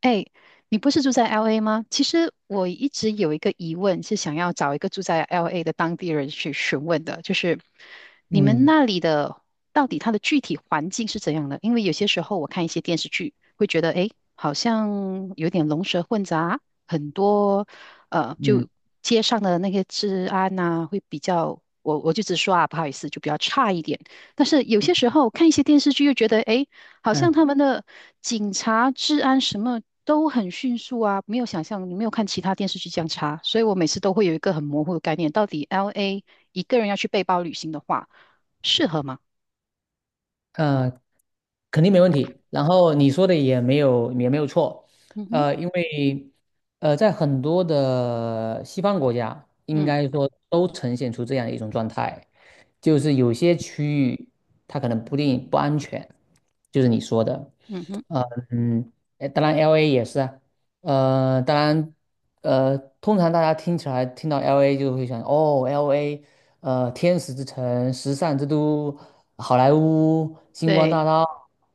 哎，你不是住在 LA 吗？其实我一直有一个疑问，是想要找一个住在 LA 的当地人去询问的，就是你们嗯那里的到底它的具体环境是怎样的？因为有些时候我看一些电视剧，会觉得哎，诶好像有点龙蛇混杂，很多嗯就街上的那些治安呐、会比较，我就直说啊，不好意思，就比较差一点。但是有嗯些时候看一些电视剧，又觉得哎，诶好像他嗯，们的警察、治安什么都很迅速啊，没有想象，你没有看其他电视剧这样查，所以我每次都会有一个很模糊的概念，到底 LA 一个人要去背包旅行的话，适合吗？呃，肯定没问题。然后你说的也没有错，嗯哼，呃，因为在很多的西方国家，应嗯该说都呈现出这样一种状态，就是有些区域它可能不定不安全，就是你说的。嗯哼，呃嗯，当然 LA 也是啊。当然，通常大家听起来听到 LA 就会想，哦，LA。天使之城、时尚之都、好莱坞、星光大对道，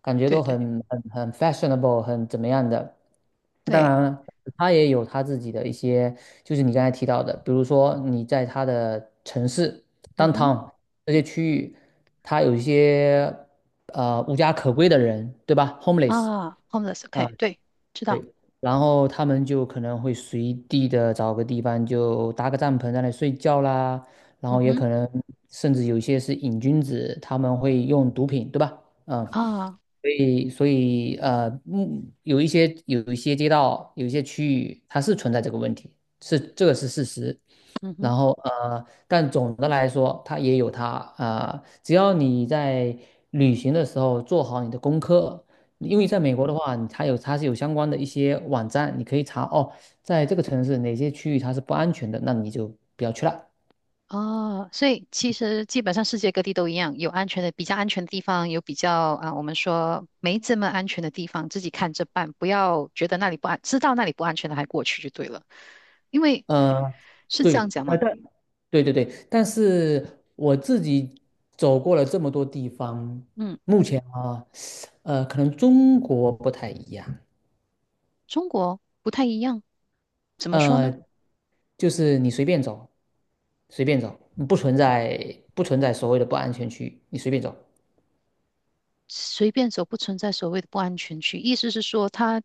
感觉对都对很 fashionable，很怎么样的。当对，然，它也有它自己的一些，就是你刚才提到的，比如说你在它的城市 嗯哼 downtown 这些区域，它有一些无家可归的人，对吧？Homeless。啊啊。，homeless，OK，对，知对，道，然后他们就可能会随地的找个地方就搭个帐篷在那里睡觉啦，然嗯后也哼可能甚至有一些是瘾君子，他们会用毒品，对吧？嗯。啊，所以有一些街道，有一些区域，它是存在这个问题，是事实。嗯哼然后但总的来说，它也有它啊。只要你在旅行的时候做好你的功课，嗯因哼。为在美国的话，它是有相关的一些网站，你可以查哦，在这个城市哪些区域它是不安全的，那你就不要去了。哦，所以其实基本上世界各地都一样，有安全的，比较安全的地方，有比较啊、我们说没这么安全的地方，自己看着办，不要觉得那里不安，知道那里不安全的还过去就对了，因为嗯，是这对，样讲嘛。对对对，但是我自己走过了这么多地方，嗯，目前啊，呃，可能中国不太一样。中国不太一样，怎么说呃，呢？就是你随便走，随便走，不存在所谓的不安全区，你随便走。随便走不存在所谓的不安全区，意思是说他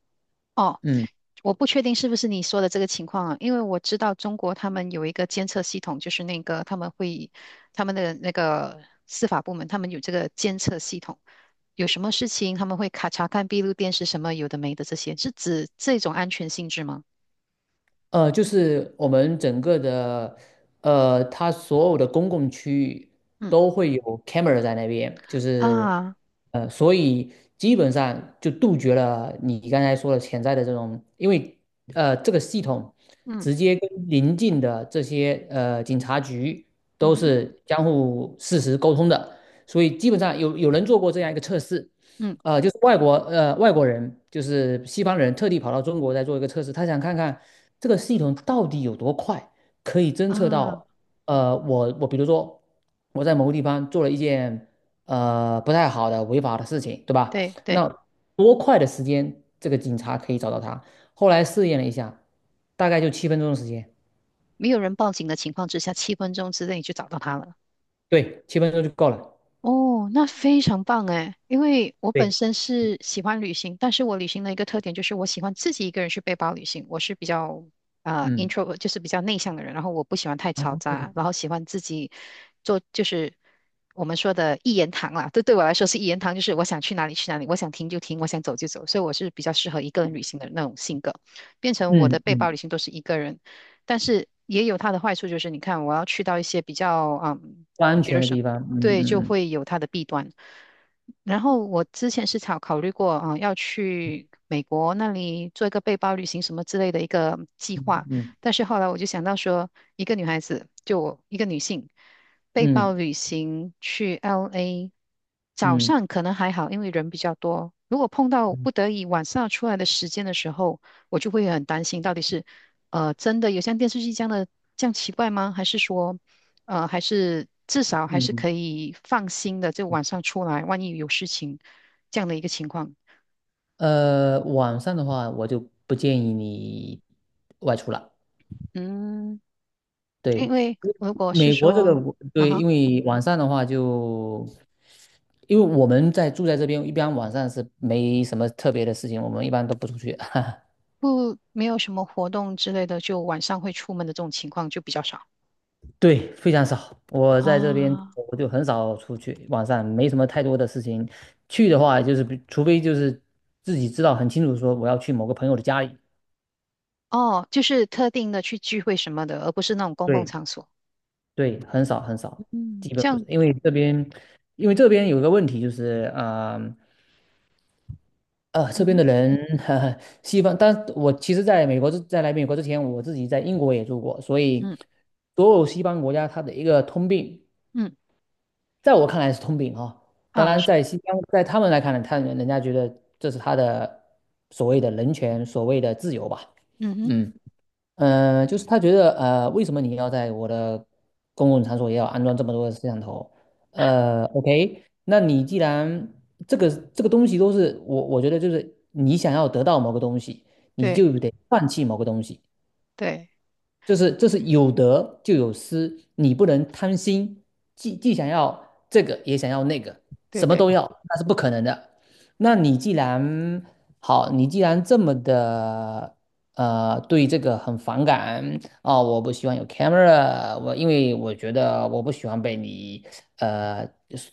哦，嗯。我不确定是不是你说的这个情况啊，因为我知道中国他们有一个监测系统，就是那个他们会他们的那个司法部门，他们有这个监测系统，有什么事情他们会卡查看闭路电视什么有的没的这些，是指这种安全性质吗？呃，就是我们整个的，呃，它所有的公共区域嗯都会有 camera 在那边。就是，啊，呃，所以基本上就杜绝了你刚才说的潜在的这种。因为这个系统嗯直接跟邻近的这些警察局嗯都哼是相互实时沟通的。所以基本上有人做过这样一个测试。嗯就是外国人，就是西方人特地跑到中国来做一个测试，他想看看这个系统到底有多快，可以侦测啊，到。我比如说我在某个地方做了一件不太好的违法的事情，对吧？对那对，多快的时间这个警察可以找到他？后来试验了一下，大概就七分钟的时间。没有人报警的情况之下，7分钟之内就找到他了。对，七分钟就够了。哦，那非常棒诶，因为我本对，身是喜欢旅行，但是我旅行的一个特点就是我喜欢自己一个人去背包旅行。我是比较嗯，intro，就是比较内向的人，然后我不喜欢太嘈啊杂，然后喜欢自己做，就是我们说的一言堂啦。这对我来说是一言堂，就是我想去哪里去哪里，我想停就停，我想走就走。所以我是比较适合一个人旅行的那种性格，变成我的嗯背包旅嗯，行都是一个人。但是也有它的坏处，就是你看，我要去到一些比较嗯。不安比如全的说。地方，对，就嗯嗯会有它的弊端。然后我之前是考虑过，啊、要去美国那里做一个背包旅行什么之类的一个计嗯划，嗯但是后来我就想到说，一个女孩子，就我一个女性，背嗯包嗯。旅行去 LA，早嗯上可能还好，因为人比较多。如果碰到嗯，不得已晚上出来的时间的时候，我就会很担心，到底是真的有像电视剧这样的这样奇怪吗？还是说？还是至少还是嗯可以放心的，就晚上出来，万一有事情这样的一个情况。晚上的话，我就不建议你外出了。嗯，因对，为如果是美国这个说，我啊对，哈，因为晚上的话就，因为我们住在这边，一般晚上是没什么特别的事情，我们一般都不出去。不，没有什么活动之类的，就晚上会出门的这种情况就比较少对，非常少。我在这边啊。我就很少出去，晚上没什么太多的事情。去的话，就是除非就是自己知道很清楚，说我要去某个朋友的家里。哦，就是特定的去聚会什么的，而不是那种公共对，场所。对，很少很少，嗯，基本这不是。样，因为这边，因为这边有个问题就是，这嗯边哼，的人，哈哈，西方，但我其实在来美国之前，我自己在英国也住过，所以嗯所有西方国家它的一个通病，嗯在我看来是通病哈、当啊，然，是，在西方，在他们来看呢，人人家觉得这是他的所谓的人权，所谓的自由吧。嗯哼，嗯。呃，就是他觉得，呃，为什么你要在我的公共场所也要安装这么多的摄像头？呃，OK，那你既然这个东西都是我，我觉得就是你想要得到某个东西，你就对得放弃某个东西。对就是这是有得就有失，你不能贪心，既想要这个也想要那个，对什么对，都要，那是不可能的。那你既然好，你既然这么的对这个很反感啊、我不喜欢有 camera，我因为我觉得我不喜欢被你呃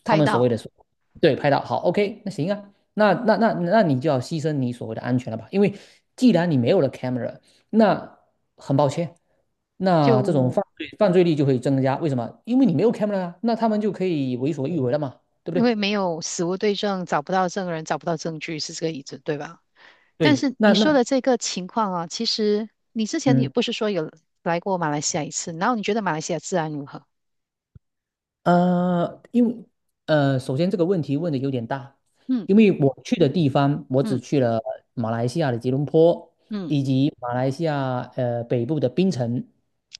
他拍们所谓到。的所对拍到好，OK，那行啊，那你就要牺牲你所谓的安全了吧？因为既然你没有了 camera，那很抱歉。那这种就。犯罪率就会增加。为什么？因为你没有 camera 啊，那他们就可以为所欲为了嘛，对不因为对？没有死无对证，找不到证人，找不到证据，是这个意思，对吧？但对，是那你说那的这个情况啊，其实你之前也嗯不是说有来过马来西亚一次，然后你觉得马来西亚治安如何？呃，因为首先这个问题问的有点大，嗯因为我去的地方，我只嗯去了马来西亚的吉隆坡，嗯，以及马来西亚北部的槟城，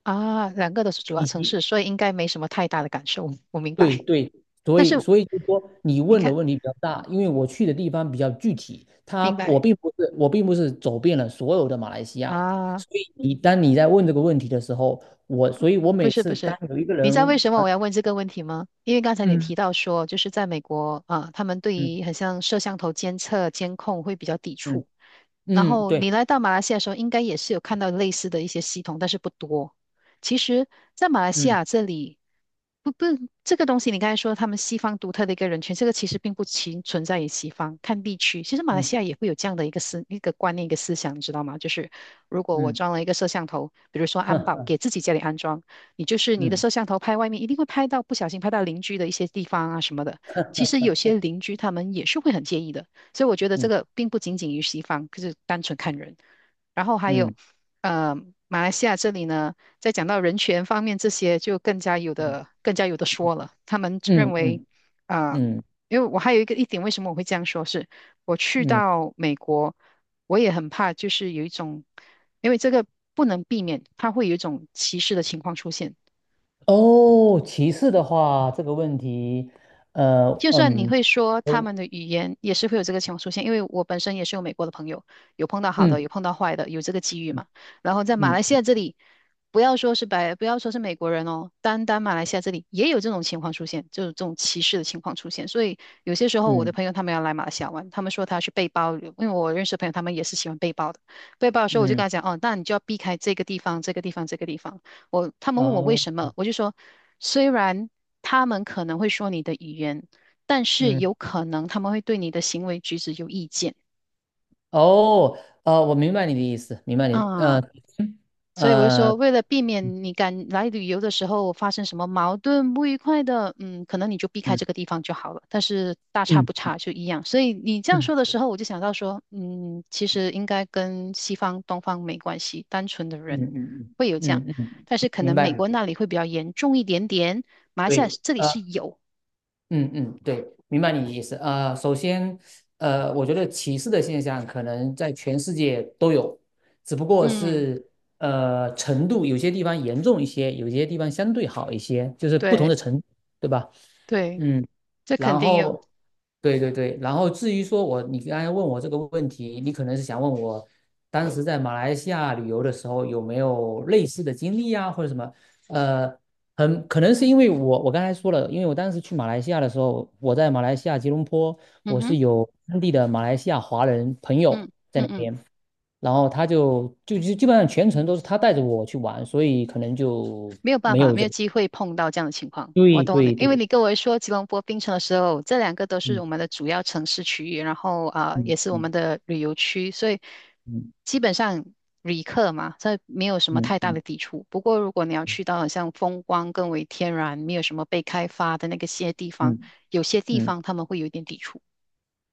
啊，两个都是主要以城及市，所以应该没什么太大的感受，我明对白。对，但是所以就是说，你你问的看，问题比较大，因为我去的地方比较具体，他明白我并不是走遍了所有的马来西亚，啊？所以你当你在问这个问题的时候，所以我不每是不次当是，有一个你知道为人什么啊，我要问这个问题吗？因为刚才你嗯提到说，就是在美国啊，他们对于很嗯像摄像头监测、监控会比较抵嗯触。然嗯，后对，你来到马来西亚的时候，应该也是有看到类似的一些系统，但是不多。其实，在马来西嗯亚这里，不不，这个东西你刚才说他们西方独特的一个人群，这个其实并不其存在于西方，看地区。其实马来嗯西亚也会有这样的一个思一个观念一个思想，你知道吗？就是如果我嗯，装了一个摄像头，比如说安保，给自己家里安装。你就是 你的嗯摄像头拍外面，一定会拍到不小心拍到邻居的一些地方啊什么的。其实有些邻居他们也是会很介意的，所以我觉得这嗯个并不仅仅于西方，就是单纯看人。然后还有，嗯呃，马来西亚这里呢，在讲到人权方面这些，就更加有嗯的更加有的说了。他们认嗯为，嗯啊、嗯因为我还有一个一点，为什么我会这样说是，我去嗯，到美国，我也很怕，就是有一种因为这个不能避免，它会有一种歧视的情况出现。哦，歧视的话，这个问题，呃就算你嗯，会说他我们的语言，也是会有这个情况出现。因为我本身也是有美国的朋友，有碰到好的，嗯有碰到坏的，有这个机遇嘛。然后在马嗯来西嗯亚这里，不要说是白，不要说是美国人哦，单单马来西亚这里也有这种情况出现，就是这种歧视的情况出现。所以有些时候我的嗯朋友他们要来马来西亚玩，他们说他去背包旅游，因为我认识的朋友他们也是喜欢背包的。背包的时候我就跟嗯。他讲，哦，那你就要避开这个地方、这个地方、这个地方。我他们问我为哦，什么，我就说，虽然他们可能会说你的语言。但是嗯，有可能他们会对你的行为举止有意见哦，呃，我明白你的意思，明白你，呃，啊。所以我就呃，说，为了避免你敢来旅游的时候发生什么矛盾、不愉快的，嗯，可能你就避开嗯这个地方就好了。但是大差不嗯差就一样。所以你这样说的嗯时候，我就想到说，嗯，其实应该跟西方、东方没关系，单纯的嗯人嗯会有这样，嗯嗯，嗯但是可明能白美你国的那里会比较严重一点点，马来西亚对，这里呃，是有，嗯嗯，对，明白你的意思。呃，首先，呃，我觉得歧视的现象可能在全世界都有，只不过嗯，是程度，有些地方严重一些，有些地方相对好一些，就是不同对的程度对吧？对，嗯。这肯然定有，后，对对对，然后至于说我，你刚才问我这个问题，你可能是想问我，当时在马来西亚旅游的时候有没有类似的经历啊，或者什么？呃，很可能是因为我刚才说了，因为我当时去马来西亚的时候，我在马来西亚吉隆坡，嗯我是哼，有当地的马来西亚华人朋友嗯在嗯那嗯。边，然后他就基本上全程都是他带着我去玩，所以可能就没有办没法，有没这有个机会碰到这样的情况。我对懂你，对因为对，你跟我说吉隆坡、槟城的时候，这两个都是嗯我们的主要城市区域，然后啊、呃也嗯是我们嗯的旅游区，所以嗯基本上旅客嘛，这没有什么嗯太大的嗯抵触。不过如果你要去到很像风光更为天然、没有什么被开发的那个些地方，嗯。有些地嗯方他们会有一点抵触。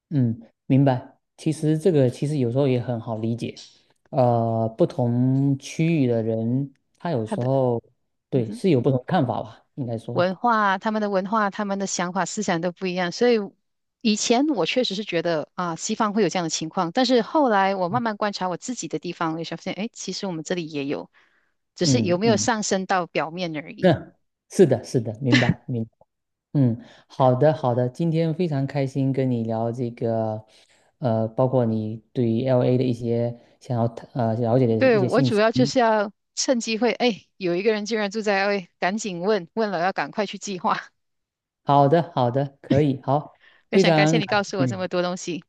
嗯，明白。其实这个其实有时候也很好理解，呃，不同区域的人，他有他时的，候嗯对哼。是有不同看法吧，应该说，文化、他们的文化、他们的想法、思想都不一样，所以以前我确实是觉得啊，西方会有这样的情况，但是后来我慢慢观察我自己的地方，我就发现，哎，其实我们这里也有，只是有嗯没有嗯，上升到表面而已。那是的，是的，明白明白。嗯，好的好的，今天非常开心跟你聊这个，呃，包括你对 LA 的一些想要了解的对，一些我信主息。要就是要趁机会，哎，有一个人竟然住在 l A，赶紧问，问了要赶快去计划。好的好的，可以好，非非常感谢常你感告诉我这么谢。多东西，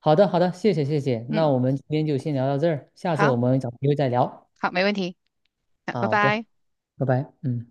好的，好的，谢谢，谢谢。那嗯，我们今天就先聊到这儿，下次好，我们找机会再聊。好，没问题，好，拜好的，拜。拜拜，嗯。